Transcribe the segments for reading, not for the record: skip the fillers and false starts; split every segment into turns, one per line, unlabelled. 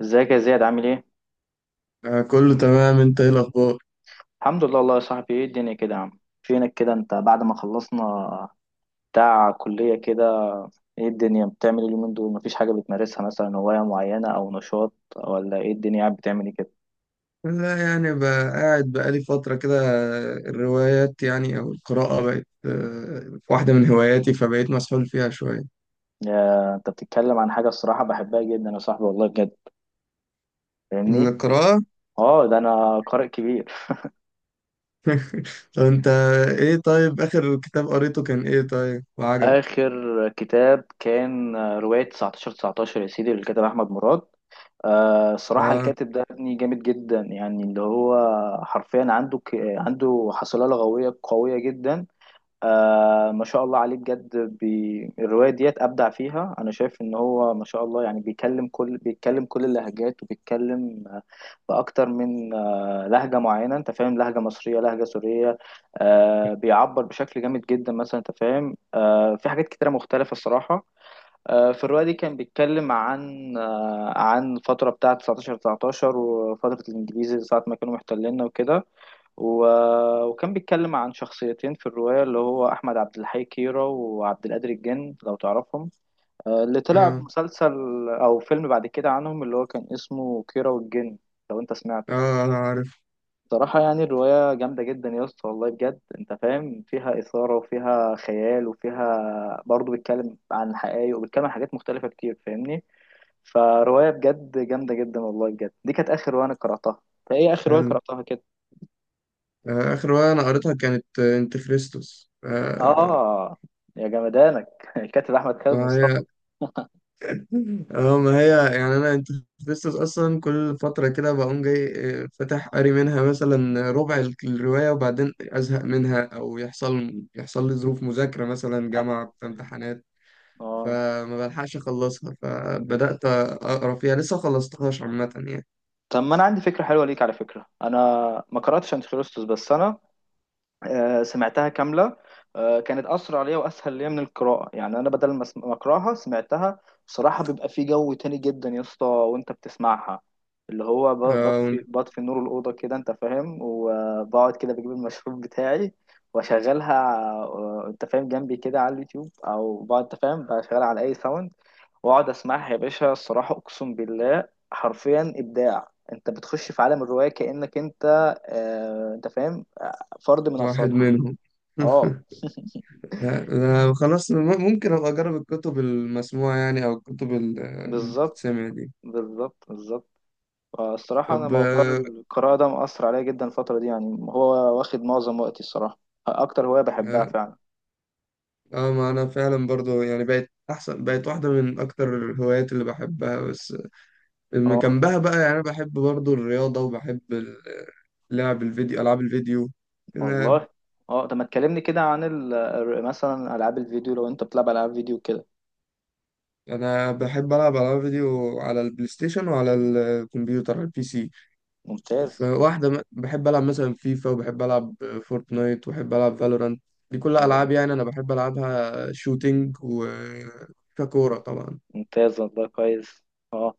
ازيك يا زياد عامل ايه؟
كله تمام، انت ايه الاخبار؟
الحمد لله والله يا صاحبي. ايه الدنيا كده يا عم، فينك كده انت بعد ما خلصنا بتاع كلية كده؟ ايه الدنيا بتعمل إيه اليومين دول؟ مفيش حاجة بتمارسها مثلا، هواية معينة او نشاط؟ ولا ايه الدنيا قاعد بتعمل ايه كده؟
لا يعني، بقى قاعد بقالي فتره كده. الروايات يعني او القراءه بقت واحده من هواياتي، فبقيت مسحول فيها شويه.
يا انت بتتكلم عن حاجة الصراحة بحبها جدا يا صاحبي والله بجد. فاهمني؟
القراءه.
اه، ده انا قارئ كبير.
طب انت ايه طيب، اخر كتاب قريته كان ايه طيب وعجبك؟
اخر كتاب كان رواية 19 19 يا سيدي للكاتب احمد مراد. آه صراحة
اه.
الكاتب ده ابني جامد جدا، يعني اللي هو حرفيا عنده عنده حصيلة لغوية قوية جدا. آه ما شاء الله عليه بجد، الرواية ديت أبدع فيها. أنا شايف إن هو ما شاء الله يعني بيكلم كل بيتكلم كل اللهجات، وبيتكلم بأكتر من لهجة معينة، أنت فاهم، لهجة مصرية لهجة سورية. آه بيعبر بشكل جامد جدا مثلا، أنت فاهم، في حاجات كتيرة مختلفة الصراحة. في الرواية دي كان بيتكلم عن عن الفترة بتاعة 19 19 وفترة الإنجليز ساعة ما كانوا محتليننا وكده. وكان بيتكلم عن شخصيتين في الرواية، اللي هو أحمد عبد الحي كيرة وعبد القادر الجن، لو تعرفهم. آه، اللي طلع
اه.
مسلسل أو فيلم بعد كده عنهم، اللي هو كان اسمه كيرة والجن، لو أنت سمعته.
اه انا عارف.
صراحة يعني الرواية جامدة جدا يا اسطى والله بجد، انت فاهم، فيها إثارة وفيها خيال وفيها برضه بيتكلم عن حقائق وبيتكلم عن حاجات مختلفة كتير، فاهمني؟ فرواية بجد جامدة جدا والله بجد. دي كانت آخر رواية أنا قرأتها. فإيه آخر رواية
حلو.
قرأتها كده؟
اخر روايه انا قريتها كانت، انت خريستوس.
آه، يا جمدانك الكاتب أحمد خالد مصطفى.
هي. اه ما هي. يعني انا انت، لسه اصلا كل فتره كده بقوم جاي، فاتح قاري منها مثلا ربع الروايه، وبعدين ازهق منها او يحصل لي ظروف مذاكره، مثلا
أيوة.
جامعه في
أيوة.
امتحانات،
آه،
فما بلحقش اخلصها، فبدات اقرا فيها لسه ما خلصتهاش عامه يعني.
طب ما أنا عندي فكرة حلوة ليك على فكرة. أنا ما قرأتش أنتي خريستوس، بس أنا سمعتها كاملة. آه، كانت أسرع ليا وأسهل ليا من القراءة، يعني أنا بدل ما أقرأها سمعتها. بصراحة بيبقى في جو تاني جدا يا اسطى وأنت بتسمعها، اللي هو
وأنت.
بطفي نور الأوضة كده أنت فاهم، وبقعد كده بجيب المشروب بتاعي وأشغلها، آه، أنت فاهم، جنبي كده على اليوتيوب، أو بقعد أنت فاهم بشغلها على أي ساوند، وأقعد أسمعها يا باشا. الصراحة أقسم بالله حرفيا إبداع، أنت بتخش في عالم الرواية كأنك أنت، آه، أنت فاهم، فرد من
واحد
افرادها.
منهم.
اه
لا لا، خلاص، ممكن ابقى اجرب الكتب المسموعه يعني، او الكتب اللي
بالظبط.
بتتسمع دي.
بالظبط بالظبط. الصراحة أنا
طب.
موضوع القراءة ده مأثر عليا جدا الفترة دي، يعني هو واخد معظم وقتي الصراحة. أكتر هواية بحبها
آه،
فعلا.
اه ما انا فعلا برضو يعني بقت احسن، بقت واحده من اكتر الهوايات اللي بحبها، بس من
اه،
جنبها بقى، يعني انا بحب برضو الرياضه، وبحب لعب الفيديو، العاب الفيديو. تمام.
والله. اه، طب ما تكلمني كده عن مثلا ألعاب الفيديو، لو أنت بتلعب ألعاب فيديو كده.
انا بحب العب العاب فيديو على البلاي ستيشن وعلى الكمبيوتر، على البي سي.
ممتاز.
بحب العب مثلا فيفا، وبحب العب فورتنايت، وبحب العب فالورانت. دي كلها العاب
اه،
يعني انا بحب العبها، شوتينج و ككورة طبعا.
ممتاز والله، كويس. اه،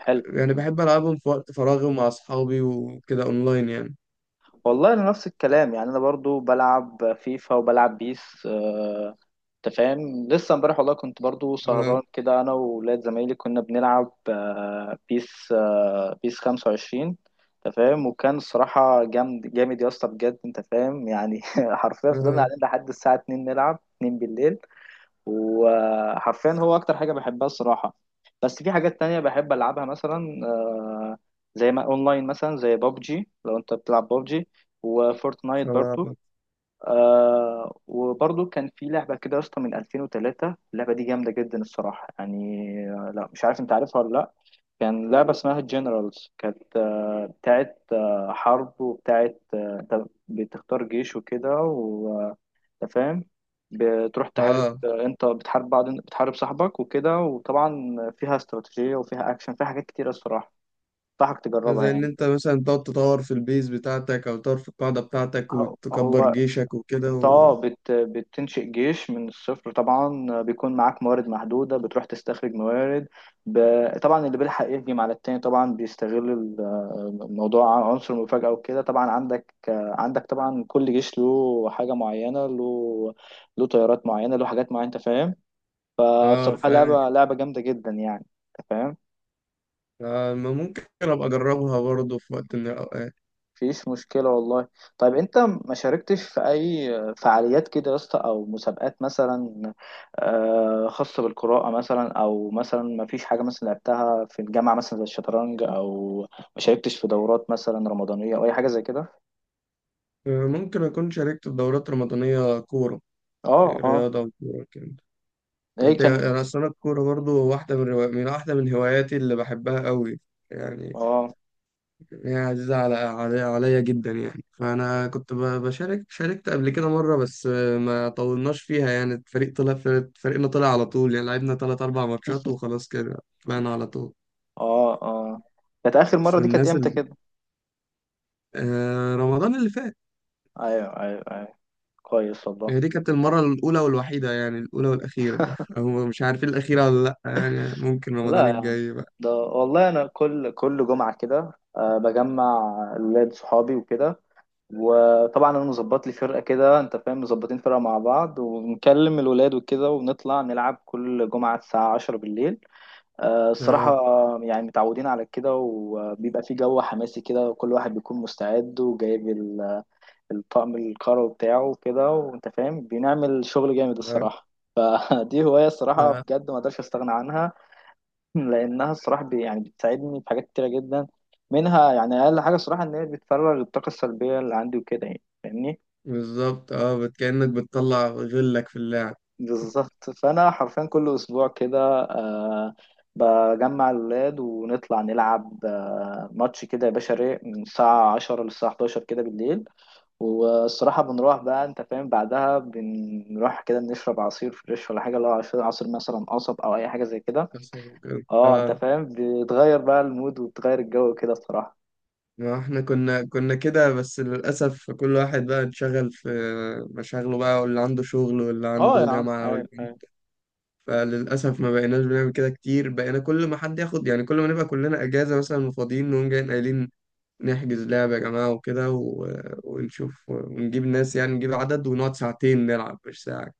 حلو.
يعني بحب ألعبهم في وقت فراغي ومع أصحابي وكده، أونلاين يعني.
والله انا نفس الكلام، يعني انا برضو بلعب فيفا وبلعب بيس. آه، انت فاهم لسه امبارح والله كنت برضو
اه.
سهران كده انا وولاد زمايلي، كنا بنلعب بيس، بيس 25، انت فاهم، وكان الصراحة جامد جامد يا اسطى بجد، انت فاهم يعني. حرفيا فضلنا
اه.
قاعدين لحد الساعة 2 نلعب، 2 بالليل، وحرفيا هو اكتر حاجه بحبها الصراحه. بس في حاجات تانية بحب العبها مثلا، آه، زي ما اونلاين مثلا زي بابجي، لو انت بتلعب بابجي وفورتنايت برضو.
صعب.
آه وبرضو كان في لعبة كده يا اسطى من 2003، اللعبة دي جامدة جدا الصراحة يعني. آه، لا مش عارف انت عارفها ولا لا. كان لعبة اسمها جنرالز، كانت بتاعت حرب، وبتاعت انت بتختار جيش وكده، انت فاهم، بتروح تحارب،
اه.
انت بتحارب بعض بتحارب صاحبك وكده، وطبعا فيها استراتيجية وفيها اكشن، فيها حاجات كتيرة الصراحة. انصحك تجربها
زي ان
يعني.
انت مثلا تقعد تطور في البيز بتاعتك، او تطور في القاعدة بتاعتك،
هو
وتكبر
هو
جيشك وكده
انت
و...
بتنشئ جيش من الصفر، طبعا بيكون معاك موارد محدودة، بتروح تستخرج موارد ب... طبعا اللي بيلحق يهجم على التاني، طبعا بيستغل الموضوع عن عنصر المفاجأة وكده. طبعا عندك طبعا كل جيش له حاجة معينة، له طيارات معينة، له حاجات معينة، انت فاهم.
اه
فصراحة
فاهم.
لعبة جامدة جدا يعني، انت فاهم.
آه ما ممكن ابقى اجربها برضه في وقت من الاوقات.
مفيش مشكلة والله. طيب انت ما شاركتش في اي فعاليات كده يا اسطى او مسابقات مثلا، آه، خاصة بالقراءة مثلا، او مثلا ما فيش حاجة مثلا لعبتها في الجامعة مثلا زي الشطرنج، او ما شاركتش في دورات مثلا رمضانية او اي حاجة زي كده؟
ممكن اكون شاركت في دورات رمضانية، كورة،
اه اه.
رياضة وكورة كده. يعني
ايه
دي-
كان؟
انا اصلا الكورة برضه واحدة من واحدة من هواياتي اللي بحبها قوي يعني.
اه
يعني عزيزة عليا جدا يعني، فأنا كنت بشارك، شاركت قبل كده مرة، بس ما طولناش فيها يعني، الفريق طلع فريقنا طلع على طول يعني، لعبنا تلات أربع ماتشات وخلاص كده، طلعنا على طول.
اه اه. كانت اخر
بس
مرة دي كانت
الناس
امتى
ال...
كده؟
رمضان اللي فات.
ايوه ايوه ايوه، كويس والله.
يعني دي كانت المرة الأولى والوحيدة، يعني الأولى والأخيرة، أو مش عارفين الأخيرة ولا لأ يعني، ممكن رمضان
لا،
الجاي بقى.
ده والله انا كل جمعه كده أه بجمع ولاد صحابي وكده، وطبعا انا مظبط لي فرقه كده انت فاهم، مظبطين فرقه مع بعض، ونكلم الولاد وكده، ونطلع نلعب كل جمعه الساعه 10 بالليل. أه
اه.
الصراحه يعني متعودين على كده، وبيبقى في جو حماسي كده، وكل واحد بيكون مستعد وجايب الطقم القروي بتاعه وكده، وانت فاهم بنعمل شغل جامد
لا
الصراحه. فدي هوايه الصراحه
لا.
بجد ما اقدرش استغنى عنها. لانها الصراحه يعني بتساعدني في حاجات كتيره جدا منها، يعني اقل حاجه الصراحه ان هي بتفرغ الطاقه السلبيه اللي عندي وكده، يعني فاهمني؟
بالظبط. اه، كأنك بتطلع غلك في اللعب.
بالظبط. فانا حرفيا كل اسبوع كده، آه، بجمع الولاد ونطلع نلعب آه ماتش كده يا باشا رايق من الساعه 10 للساعه 11 كده بالليل. والصراحة بنروح بقى انت فاهم بعدها، بنروح كده نشرب عصير فريش ولا حاجة، لو عصير مثلا قصب او اي حاجة زي كده.
بس هو كده.
اه انت
اه.
فاهم بتغير بقى المود وبتغير الجو كده الصراحة.
ما احنا كنا كده، بس للأسف كل واحد بقى اتشغل في مشاغله بقى، واللي عنده شغل، واللي
اه
عنده
يا عم،
جامعة،
عين
واللي،
عين
فللأسف ما بقيناش بنعمل كده كتير، بقينا كل ما حد ياخد يعني، كل ما نبقى كلنا أجازة مثلا وفاضيين، نقوم جايين قايلين نحجز لعبة يا جماعة وكده و... ونشوف ونجيب ناس، يعني نجيب عدد ونقعد ساعتين نلعب، مش ساعة.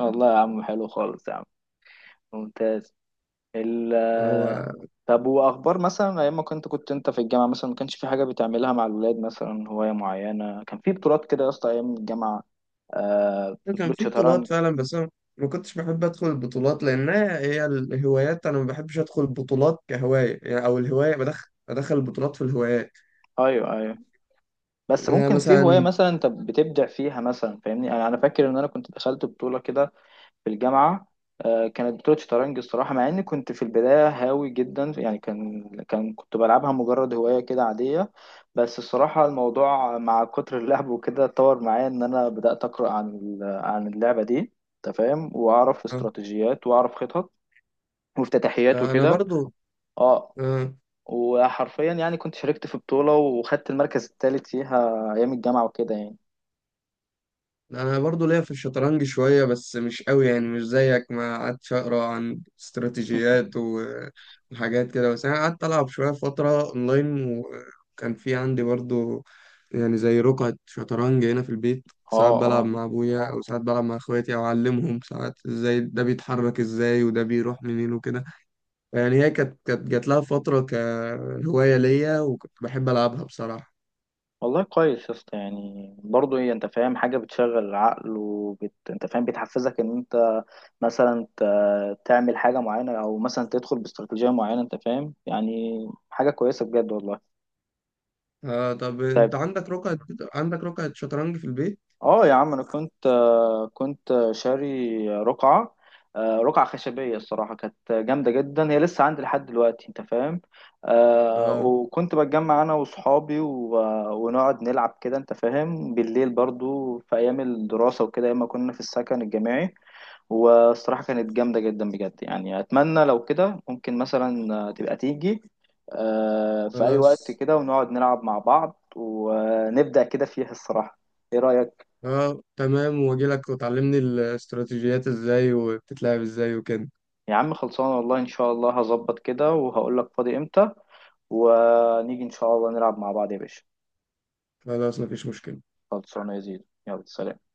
والله يا عم حلو خالص يا عم، ممتاز. ال
هو
طب واخبار مثلا ايام ما كنت انت في الجامعه مثلا، ما كانش في حاجه بتعملها مع الولاد مثلا، هوايه معينه، كان في بطولات كده يا اسطى ايام الجامعه، آه
كان
بطوله
في بطولات
شطرنج؟
فعلا، بس انا ما كنتش بحب ادخل البطولات، لانها هي الهوايات، انا ما بحبش ادخل البطولات كهوايه يعني، او الهوايه، بدخل بدخل البطولات في الهوايات.
ايوه ايوه، بس
يعني انا
ممكن في هوايه
مثلا
مثلا انت بتبدع فيها مثلا، فاهمني، انا فاكر ان انا كنت دخلت بطوله كده في الجامعة. آه، كانت بطولة شطرنج الصراحة، مع إني كنت في البداية هاوي جدا، يعني كان كنت بلعبها مجرد هواية كده عادية. بس الصراحة الموضوع مع كتر اللعب وكده اتطور معايا إن أنا بدأت أقرأ عن عن اللعبة دي، أنت فاهم، وأعرف استراتيجيات وأعرف خطط وافتتاحيات
آه، انا
وكده.
برضو
أه
آه،
وحرفيا يعني كنت شاركت في بطولة وخدت المركز الثالث فيها أيام الجامعة وكده يعني.
انا برضو ليا في الشطرنج شوية، بس مش قوي يعني، مش زيك، ما قعدتش اقرا عن استراتيجيات وحاجات كده، بس انا قعدت العب شوية فترة اونلاين، وكان في عندي برضو يعني زي رقعة شطرنج هنا في البيت، ساعات
أه
بلعب
أه،
مع ابويا، او ساعات بلعب مع اخواتي، او اعلمهم ساعات ازاي ده بيتحرك، ازاي وده بيروح منين وكده. يعني هي كانت جات لها فترة كهواية ليا، وكنت بحب العبها بصراحة.
والله كويس يا اسطى. يعني برضه ايه، انت فاهم، حاجه بتشغل العقل انت فاهم بتحفزك ان انت مثلا تعمل حاجه معينه، او مثلا تدخل باستراتيجيه معينه، انت فاهم يعني، حاجه كويسه بجد والله.
آه طب
طيب.
انت عندك رقعة عندك رقعة شطرنج في البيت؟
اه يا عم، انا كنت، آه، كنت شاري رقعه، آه، رقعه خشبيه، الصراحه كانت جامده جدا، هي لسه عندي لحد دلوقتي انت فاهم. آه،
آه.
وكنت بتجمع انا واصحابي ونقعد نلعب كده، انت فاهم، بالليل برضو في ايام الدراسه وكده، ايام ما كنا في السكن الجامعي. والصراحه كانت جامده جدا بجد، يعني اتمنى لو كده ممكن مثلا، آه، تبقى تيجي، آه، في اي وقت
خلاص.
كده، ونقعد نلعب مع بعض ونبدا كده فيها الصراحه. ايه رايك؟
اه تمام، واجي لك وتعلمني الاستراتيجيات ازاي وبتتلعب ازاي وكده.
يا عم خلصانة والله، إن شاء الله هظبط كده وهقول لك فاضي إمتى، ونيجي إن شاء الله نلعب مع بعض يا باشا.
خلاص مفيش مشكلة.
خلصانة يا زيد، يلا سلام.